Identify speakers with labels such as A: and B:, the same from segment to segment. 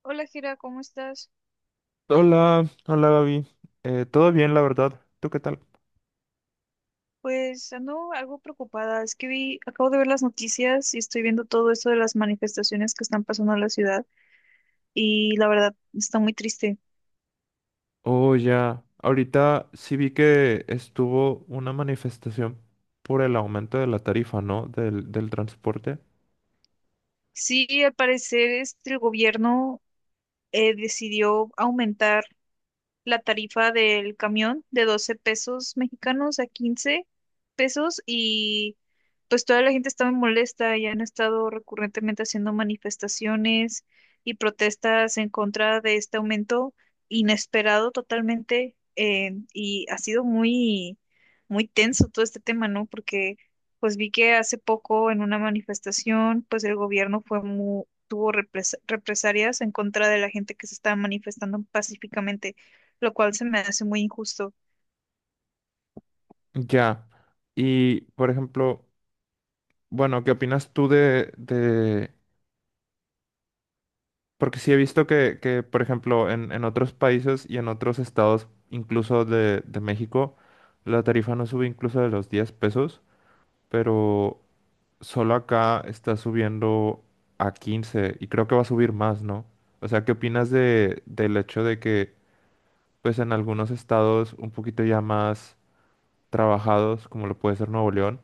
A: Hola, Jera, ¿cómo estás?
B: Hola, hola Gaby. Todo bien, la verdad. ¿Tú qué tal?
A: Pues ando algo preocupada. Es que acabo de ver las noticias y estoy viendo todo esto de las manifestaciones que están pasando en la ciudad y la verdad está muy triste.
B: Oh, ya. Ahorita sí vi que estuvo una manifestación por el aumento de la tarifa, ¿no? Del transporte.
A: Sí, al parecer este, el gobierno decidió aumentar la tarifa del camión de 12 pesos mexicanos a 15 pesos y pues toda la gente está muy molesta y han estado recurrentemente haciendo manifestaciones y protestas en contra de este aumento inesperado totalmente, y ha sido muy tenso todo este tema, ¿no? Porque pues vi que hace poco en una manifestación pues el gobierno fue muy tuvo represalias en contra de la gente que se estaba manifestando pacíficamente, lo cual se me hace muy injusto.
B: Ya. Y, por ejemplo, bueno, ¿qué opinas tú de... Porque sí he visto que, por ejemplo, en otros países y en otros estados, incluso de México, la tarifa no sube incluso de los 10 pesos, pero... Solo acá está subiendo a 15 y creo que va a subir más, ¿no? O sea, ¿qué opinas de, del hecho de que, pues en algunos estados un poquito ya más trabajados, como lo puede ser Nuevo León,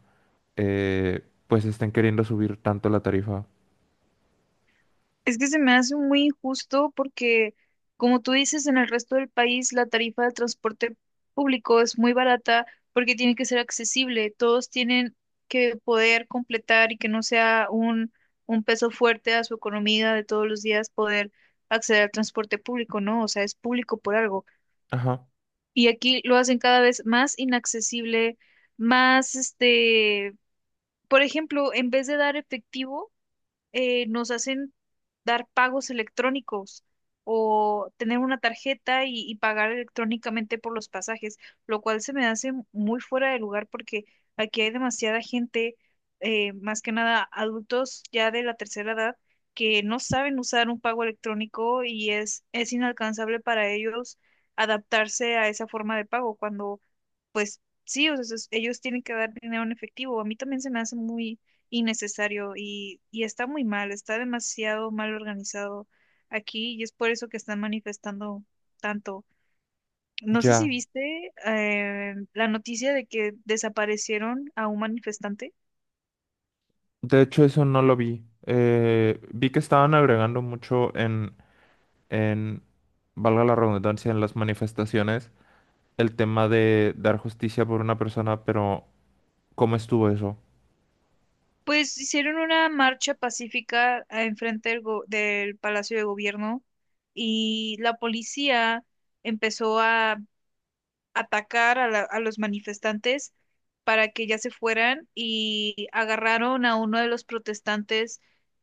B: pues estén queriendo subir tanto la tarifa?
A: Es que se me hace muy injusto porque, como tú dices, en el resto del país la tarifa del transporte público es muy barata porque tiene que ser accesible. Todos tienen que poder completar y que no sea un peso fuerte a su economía de todos los días poder acceder al transporte público, ¿no? O sea, es público por algo.
B: Ajá,
A: Y aquí lo hacen cada vez más inaccesible, más, este, por ejemplo, en vez de dar efectivo, nos hacen dar pagos electrónicos o tener una tarjeta y pagar electrónicamente por los pasajes, lo cual se me hace muy fuera de lugar porque aquí hay demasiada gente, más que nada adultos ya de la tercera edad, que no saben usar un pago electrónico y es inalcanzable para ellos adaptarse a esa forma de pago cuando pues sí, o sea, ellos tienen que dar dinero en efectivo. A mí también se me hace muy innecesario y está muy mal, está demasiado mal organizado aquí y es por eso que están manifestando tanto. No sé si
B: ya.
A: viste la noticia de que desaparecieron a un manifestante.
B: De hecho, eso no lo vi. Vi que estaban agregando mucho en, valga la redundancia, en las manifestaciones, el tema de dar justicia por una persona, pero ¿cómo estuvo eso?
A: Pues hicieron una marcha pacífica enfrente del Palacio de Gobierno y la policía empezó a atacar a los manifestantes para que ya se fueran y agarraron a uno de los protestantes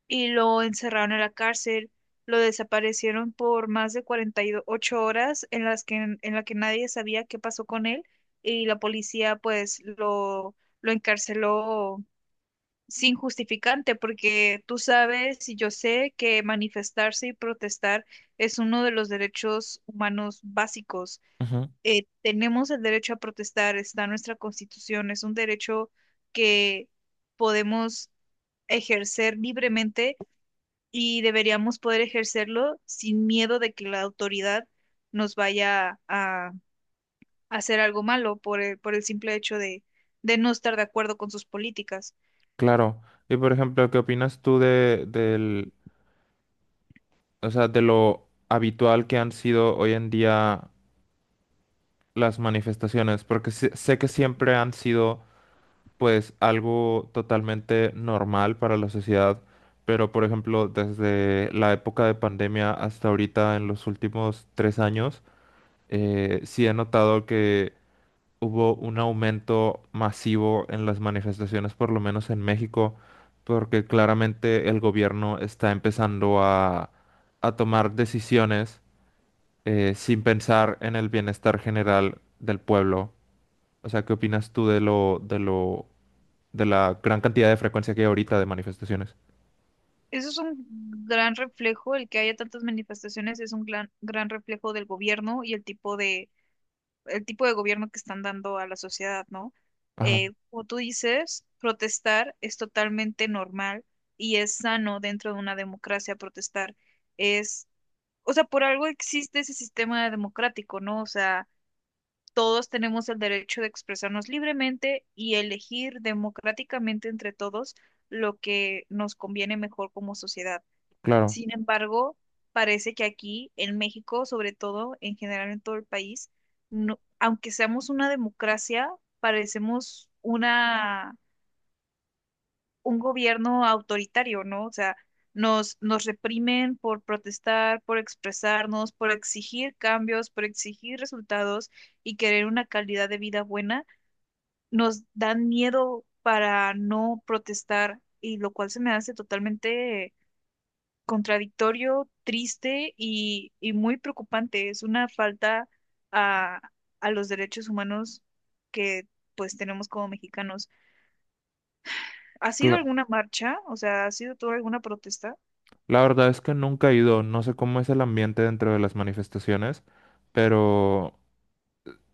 A: y lo encerraron en la cárcel. Lo desaparecieron por más de 48 horas en las en la que nadie sabía qué pasó con él y la policía pues lo encarceló sin justificante porque tú sabes y yo sé que manifestarse y protestar es uno de los derechos humanos básicos tenemos el derecho a protestar, está en nuestra constitución, es un derecho que podemos ejercer libremente y deberíamos poder ejercerlo sin miedo de que la autoridad nos vaya a hacer algo malo por el simple hecho de no estar de acuerdo con sus políticas.
B: Claro. Y por ejemplo, ¿qué opinas tú de, del, o sea, de lo habitual que han sido hoy en día las manifestaciones? Porque sé que siempre han sido, pues, algo totalmente normal para la sociedad, pero por ejemplo, desde la época de pandemia hasta ahorita, en los últimos 3 años, sí he notado que hubo un aumento masivo en las manifestaciones, por lo menos en México, porque claramente el gobierno está empezando a tomar decisiones sin pensar en el bienestar general del pueblo. O sea, ¿qué opinas tú de la gran cantidad de frecuencia que hay ahorita de manifestaciones?
A: Eso es un gran reflejo, el que haya tantas manifestaciones es un gran reflejo del gobierno y el tipo de gobierno que están dando a la sociedad, ¿no?
B: Ajá,
A: Como tú dices, protestar es totalmente normal y es sano dentro de una democracia protestar. Es, o sea, por algo existe ese sistema democrático, ¿no? O sea, todos tenemos el derecho de expresarnos libremente y elegir democráticamente entre todos lo que nos conviene mejor como sociedad.
B: claro.
A: Sin embargo, parece que aquí en México, sobre todo, en general en todo el país, aunque seamos una democracia, parecemos una, un gobierno autoritario, ¿no? O sea, nos reprimen por protestar, por expresarnos, por exigir cambios, por exigir resultados y querer una calidad de vida buena. Nos dan miedo para no protestar y lo cual se me hace totalmente contradictorio, triste y muy preocupante. Es una falta a, a los derechos humanos que pues tenemos como mexicanos. ¿Ha sido
B: cla-
A: alguna marcha? O sea, ¿ha sido toda alguna protesta?
B: la verdad es que nunca he ido, no sé cómo es el ambiente dentro de las manifestaciones, pero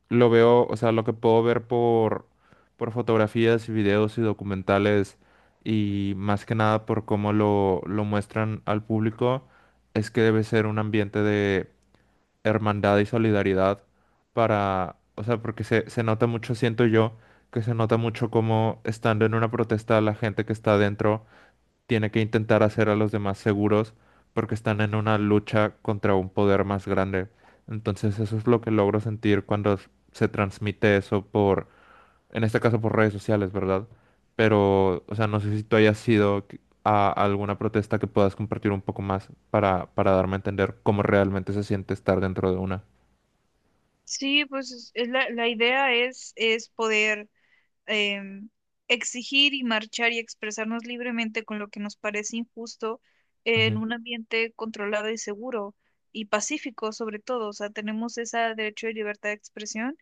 B: lo veo, o sea, lo que puedo ver por fotografías y videos y documentales y más que nada por cómo lo muestran al público, es que debe ser un ambiente de hermandad y solidaridad para, o sea, porque se nota mucho, siento yo, que se nota mucho cómo estando en una protesta la gente que está adentro tiene que intentar hacer a los demás seguros porque están en una lucha contra un poder más grande. Entonces eso es lo que logro sentir cuando se transmite eso por, en este caso por redes sociales, ¿verdad? Pero, o sea, no sé si tú hayas sido a alguna protesta que puedas compartir un poco más para darme a entender cómo realmente se siente estar dentro de una.
A: Sí, pues la idea es poder em, exigir y marchar y expresarnos libremente con lo que nos parece injusto en
B: Ujú,
A: un ambiente controlado y seguro y pacífico sobre todo. O sea, tenemos ese derecho de libertad de expresión.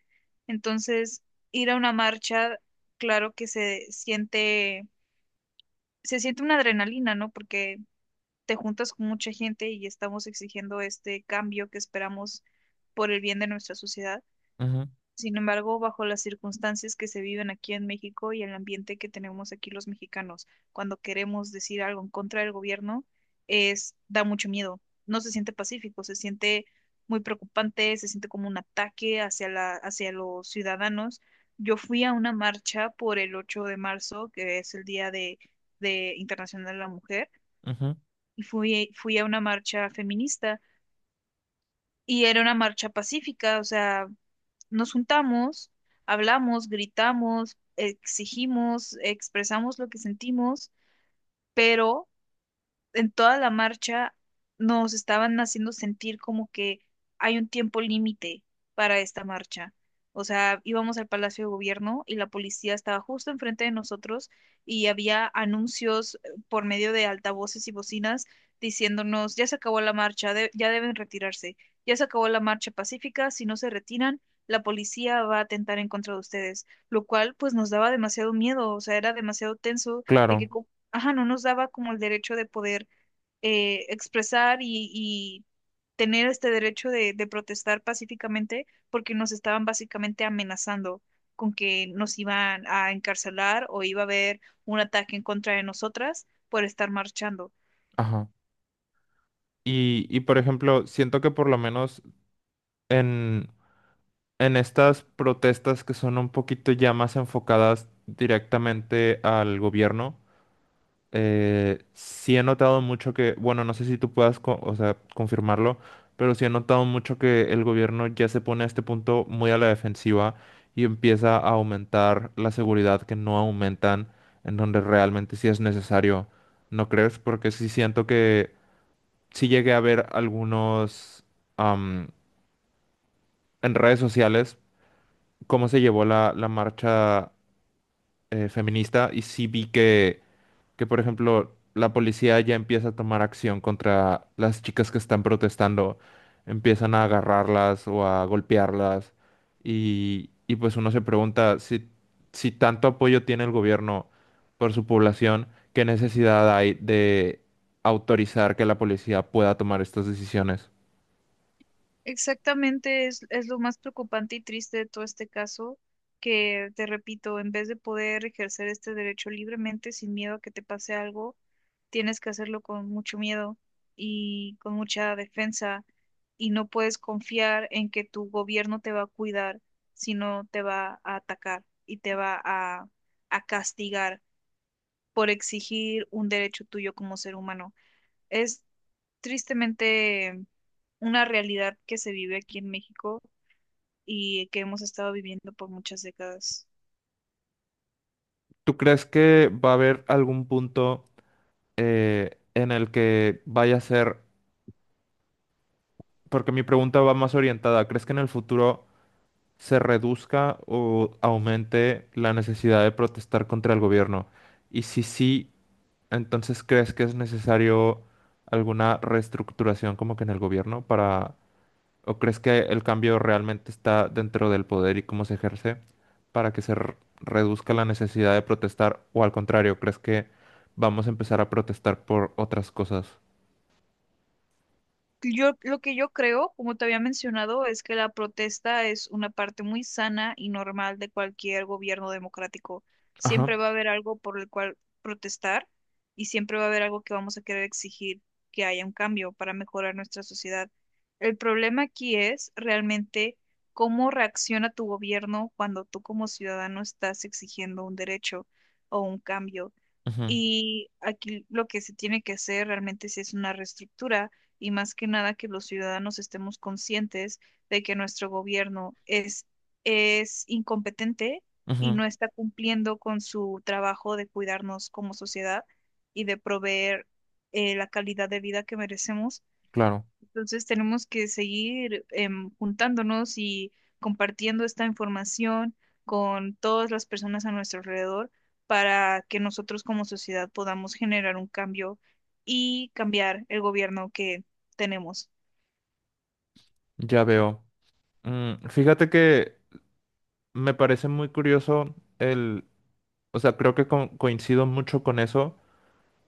A: Entonces, ir a una marcha, claro que se se siente una adrenalina, ¿no? Porque te juntas con mucha gente y estamos exigiendo este cambio que esperamos por el bien de nuestra sociedad.
B: ujú,
A: Sin embargo, bajo las circunstancias que se viven aquí en México y el ambiente que tenemos aquí los mexicanos, cuando queremos decir algo en contra del gobierno, es, da mucho miedo. No se siente pacífico, se siente muy preocupante, se siente como un ataque hacia los ciudadanos. Yo fui a una marcha por el 8 de marzo, que es de Internacional de la Mujer,
B: ujú.
A: y fui a una marcha feminista. Y era una marcha pacífica, o sea, nos juntamos, hablamos, gritamos, exigimos, expresamos lo que sentimos, pero en toda la marcha nos estaban haciendo sentir como que hay un tiempo límite para esta marcha. O sea, íbamos al Palacio de Gobierno y la policía estaba justo enfrente de nosotros y había anuncios por medio de altavoces y bocinas diciéndonos, ya se acabó la marcha, ya deben retirarse, ya se acabó la marcha pacífica, si no se retiran, la policía va a atentar en contra de ustedes, lo cual pues nos daba demasiado miedo, o sea, era demasiado tenso de que
B: Claro,
A: ajá, no nos daba como el derecho de poder expresar y tener este derecho de protestar pacíficamente porque nos estaban básicamente amenazando con que nos iban a encarcelar o iba a haber un ataque en contra de nosotras por estar marchando.
B: ajá. Y por ejemplo, siento que por lo menos en en estas protestas que son un poquito ya más enfocadas directamente al gobierno, sí he notado mucho que, bueno, no sé si tú puedas, o sea, confirmarlo, pero sí he notado mucho que el gobierno ya se pone a este punto muy a la defensiva y empieza a aumentar la seguridad que no aumentan en donde realmente sí es necesario, ¿no crees? Porque sí siento que sí llegué a ver algunos... am, en redes sociales cómo se llevó la marcha feminista y sí vi que, por ejemplo, la policía ya empieza a tomar acción contra las chicas que están protestando, empiezan a agarrarlas o a golpearlas y pues uno se pregunta si, si tanto apoyo tiene el gobierno por su población, ¿qué necesidad hay de autorizar que la policía pueda tomar estas decisiones?
A: Exactamente, es lo más preocupante y triste de todo este caso, que te repito, en vez de poder ejercer este derecho libremente sin miedo a que te pase algo, tienes que hacerlo con mucho miedo y con mucha defensa y no puedes confiar en que tu gobierno te va a cuidar, sino te va a atacar y te va a castigar por exigir un derecho tuyo como ser humano. Es tristemente una realidad que se vive aquí en México y que hemos estado viviendo por muchas décadas.
B: ¿Tú crees que va a haber algún punto? En el que vaya a ser, porque mi pregunta va más orientada, ¿crees que en el futuro se reduzca o aumente la necesidad de protestar contra el gobierno? Y si sí, entonces ¿crees que es necesario alguna reestructuración como que en el gobierno para, o crees que el cambio realmente está dentro del poder y cómo se ejerce para que se reduzca la necesidad de protestar o al contrario, ¿crees que vamos a empezar a protestar por otras cosas?
A: Yo, lo que yo creo, como te había mencionado, es que la protesta es una parte muy sana y normal de cualquier gobierno democrático.
B: Ajá.
A: Siempre va a haber algo por el cual protestar y siempre va a haber algo que vamos a querer exigir que haya un cambio para mejorar nuestra sociedad. El problema aquí es realmente cómo reacciona tu gobierno cuando tú como ciudadano estás exigiendo un derecho o un cambio.
B: Ujú.
A: Y aquí lo que se tiene que hacer realmente sí es una reestructura y más que nada que los ciudadanos estemos conscientes de que nuestro gobierno es incompetente y
B: Ujú,
A: no está cumpliendo con su trabajo de cuidarnos como sociedad y de proveer la calidad de vida que merecemos.
B: claro,
A: Entonces tenemos que seguir juntándonos y compartiendo esta información con todas las personas a nuestro alrededor para que nosotros como sociedad podamos generar un cambio y cambiar el gobierno que tenemos.
B: ya veo. Mm, fíjate que me parece muy curioso el, o sea, creo que coincido mucho con eso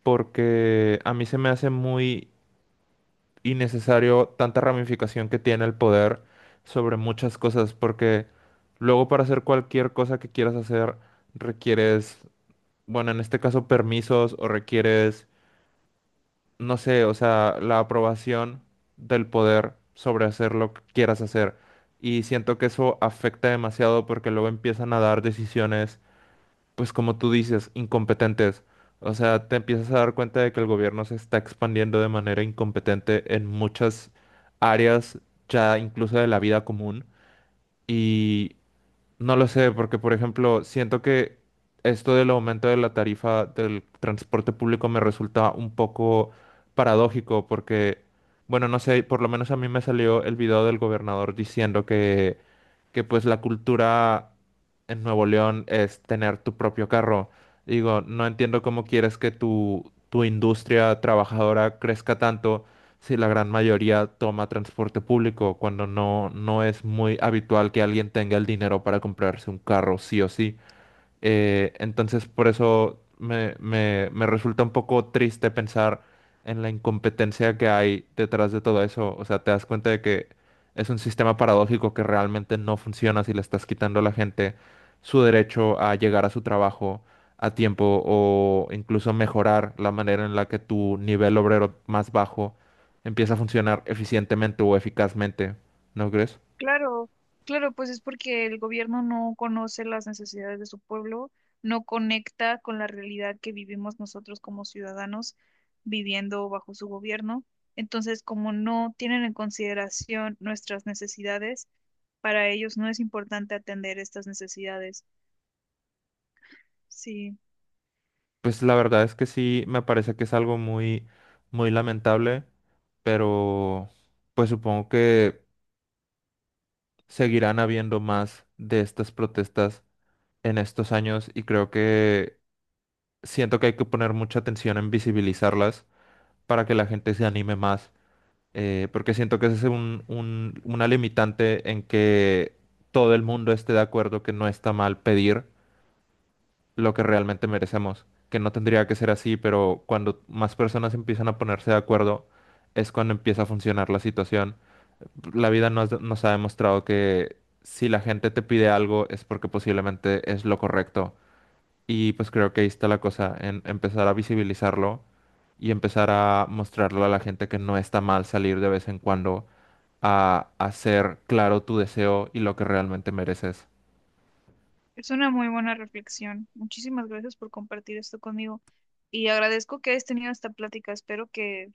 B: porque a mí se me hace muy innecesario tanta ramificación que tiene el poder sobre muchas cosas porque luego para hacer cualquier cosa que quieras hacer requieres, bueno, en este caso permisos o requieres no sé, o sea, la aprobación del poder sobre hacer lo que quieras hacer. Y siento que eso afecta demasiado porque luego empiezan a dar decisiones, pues como tú dices, incompetentes. O sea, te empiezas a dar cuenta de que el gobierno se está expandiendo de manera incompetente en muchas áreas, ya incluso de la vida común. Y no lo sé, porque por ejemplo, siento que esto del aumento de la tarifa del transporte público me resulta un poco paradójico, porque, bueno, no sé, por lo menos a mí me salió el video del gobernador diciendo que pues la cultura en Nuevo León es tener tu propio carro. Digo, no entiendo cómo quieres que tu industria trabajadora crezca tanto si la gran mayoría toma transporte público, cuando no es muy habitual que alguien tenga el dinero para comprarse un carro sí o sí. Entonces, por eso me resulta un poco triste pensar en la incompetencia que hay detrás de todo eso. O sea, te das cuenta de que es un sistema paradójico que realmente no funciona si le estás quitando a la gente su derecho a llegar a su trabajo a tiempo o incluso mejorar la manera en la que tu nivel obrero más bajo empieza a funcionar eficientemente o eficazmente. ¿No crees?
A: Claro, claro, pues es porque el gobierno no conoce las necesidades de su pueblo, no conecta con la realidad que vivimos nosotros como ciudadanos viviendo bajo su gobierno. Entonces, como no tienen en consideración nuestras necesidades, para ellos no es importante atender estas necesidades. Sí,
B: Pues la verdad es que sí, me parece que es algo muy lamentable, pero pues supongo que seguirán habiendo más de estas protestas en estos años y creo que siento que hay que poner mucha atención en visibilizarlas para que la gente se anime más, porque siento que ese es una limitante en que todo el mundo esté de acuerdo que no está mal pedir lo que realmente merecemos, que no tendría que ser así, pero cuando más personas empiezan a ponerse de acuerdo, es cuando empieza a funcionar la situación. La vida nos ha demostrado que si la gente te pide algo es porque posiblemente es lo correcto. Y pues creo que ahí está la cosa, en empezar a visibilizarlo y empezar a mostrarle a la gente que no está mal salir de vez en cuando a hacer claro tu deseo y lo que realmente mereces.
A: es una muy buena reflexión. Muchísimas gracias por compartir esto conmigo y agradezco que hayas tenido esta plática. Espero que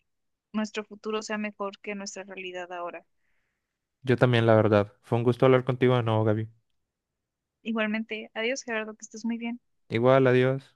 A: nuestro futuro sea mejor que nuestra realidad ahora.
B: Yo también, la verdad. Fue un gusto hablar contigo de nuevo, Gaby.
A: Igualmente, adiós Gerardo, que estés muy bien.
B: Igual, adiós.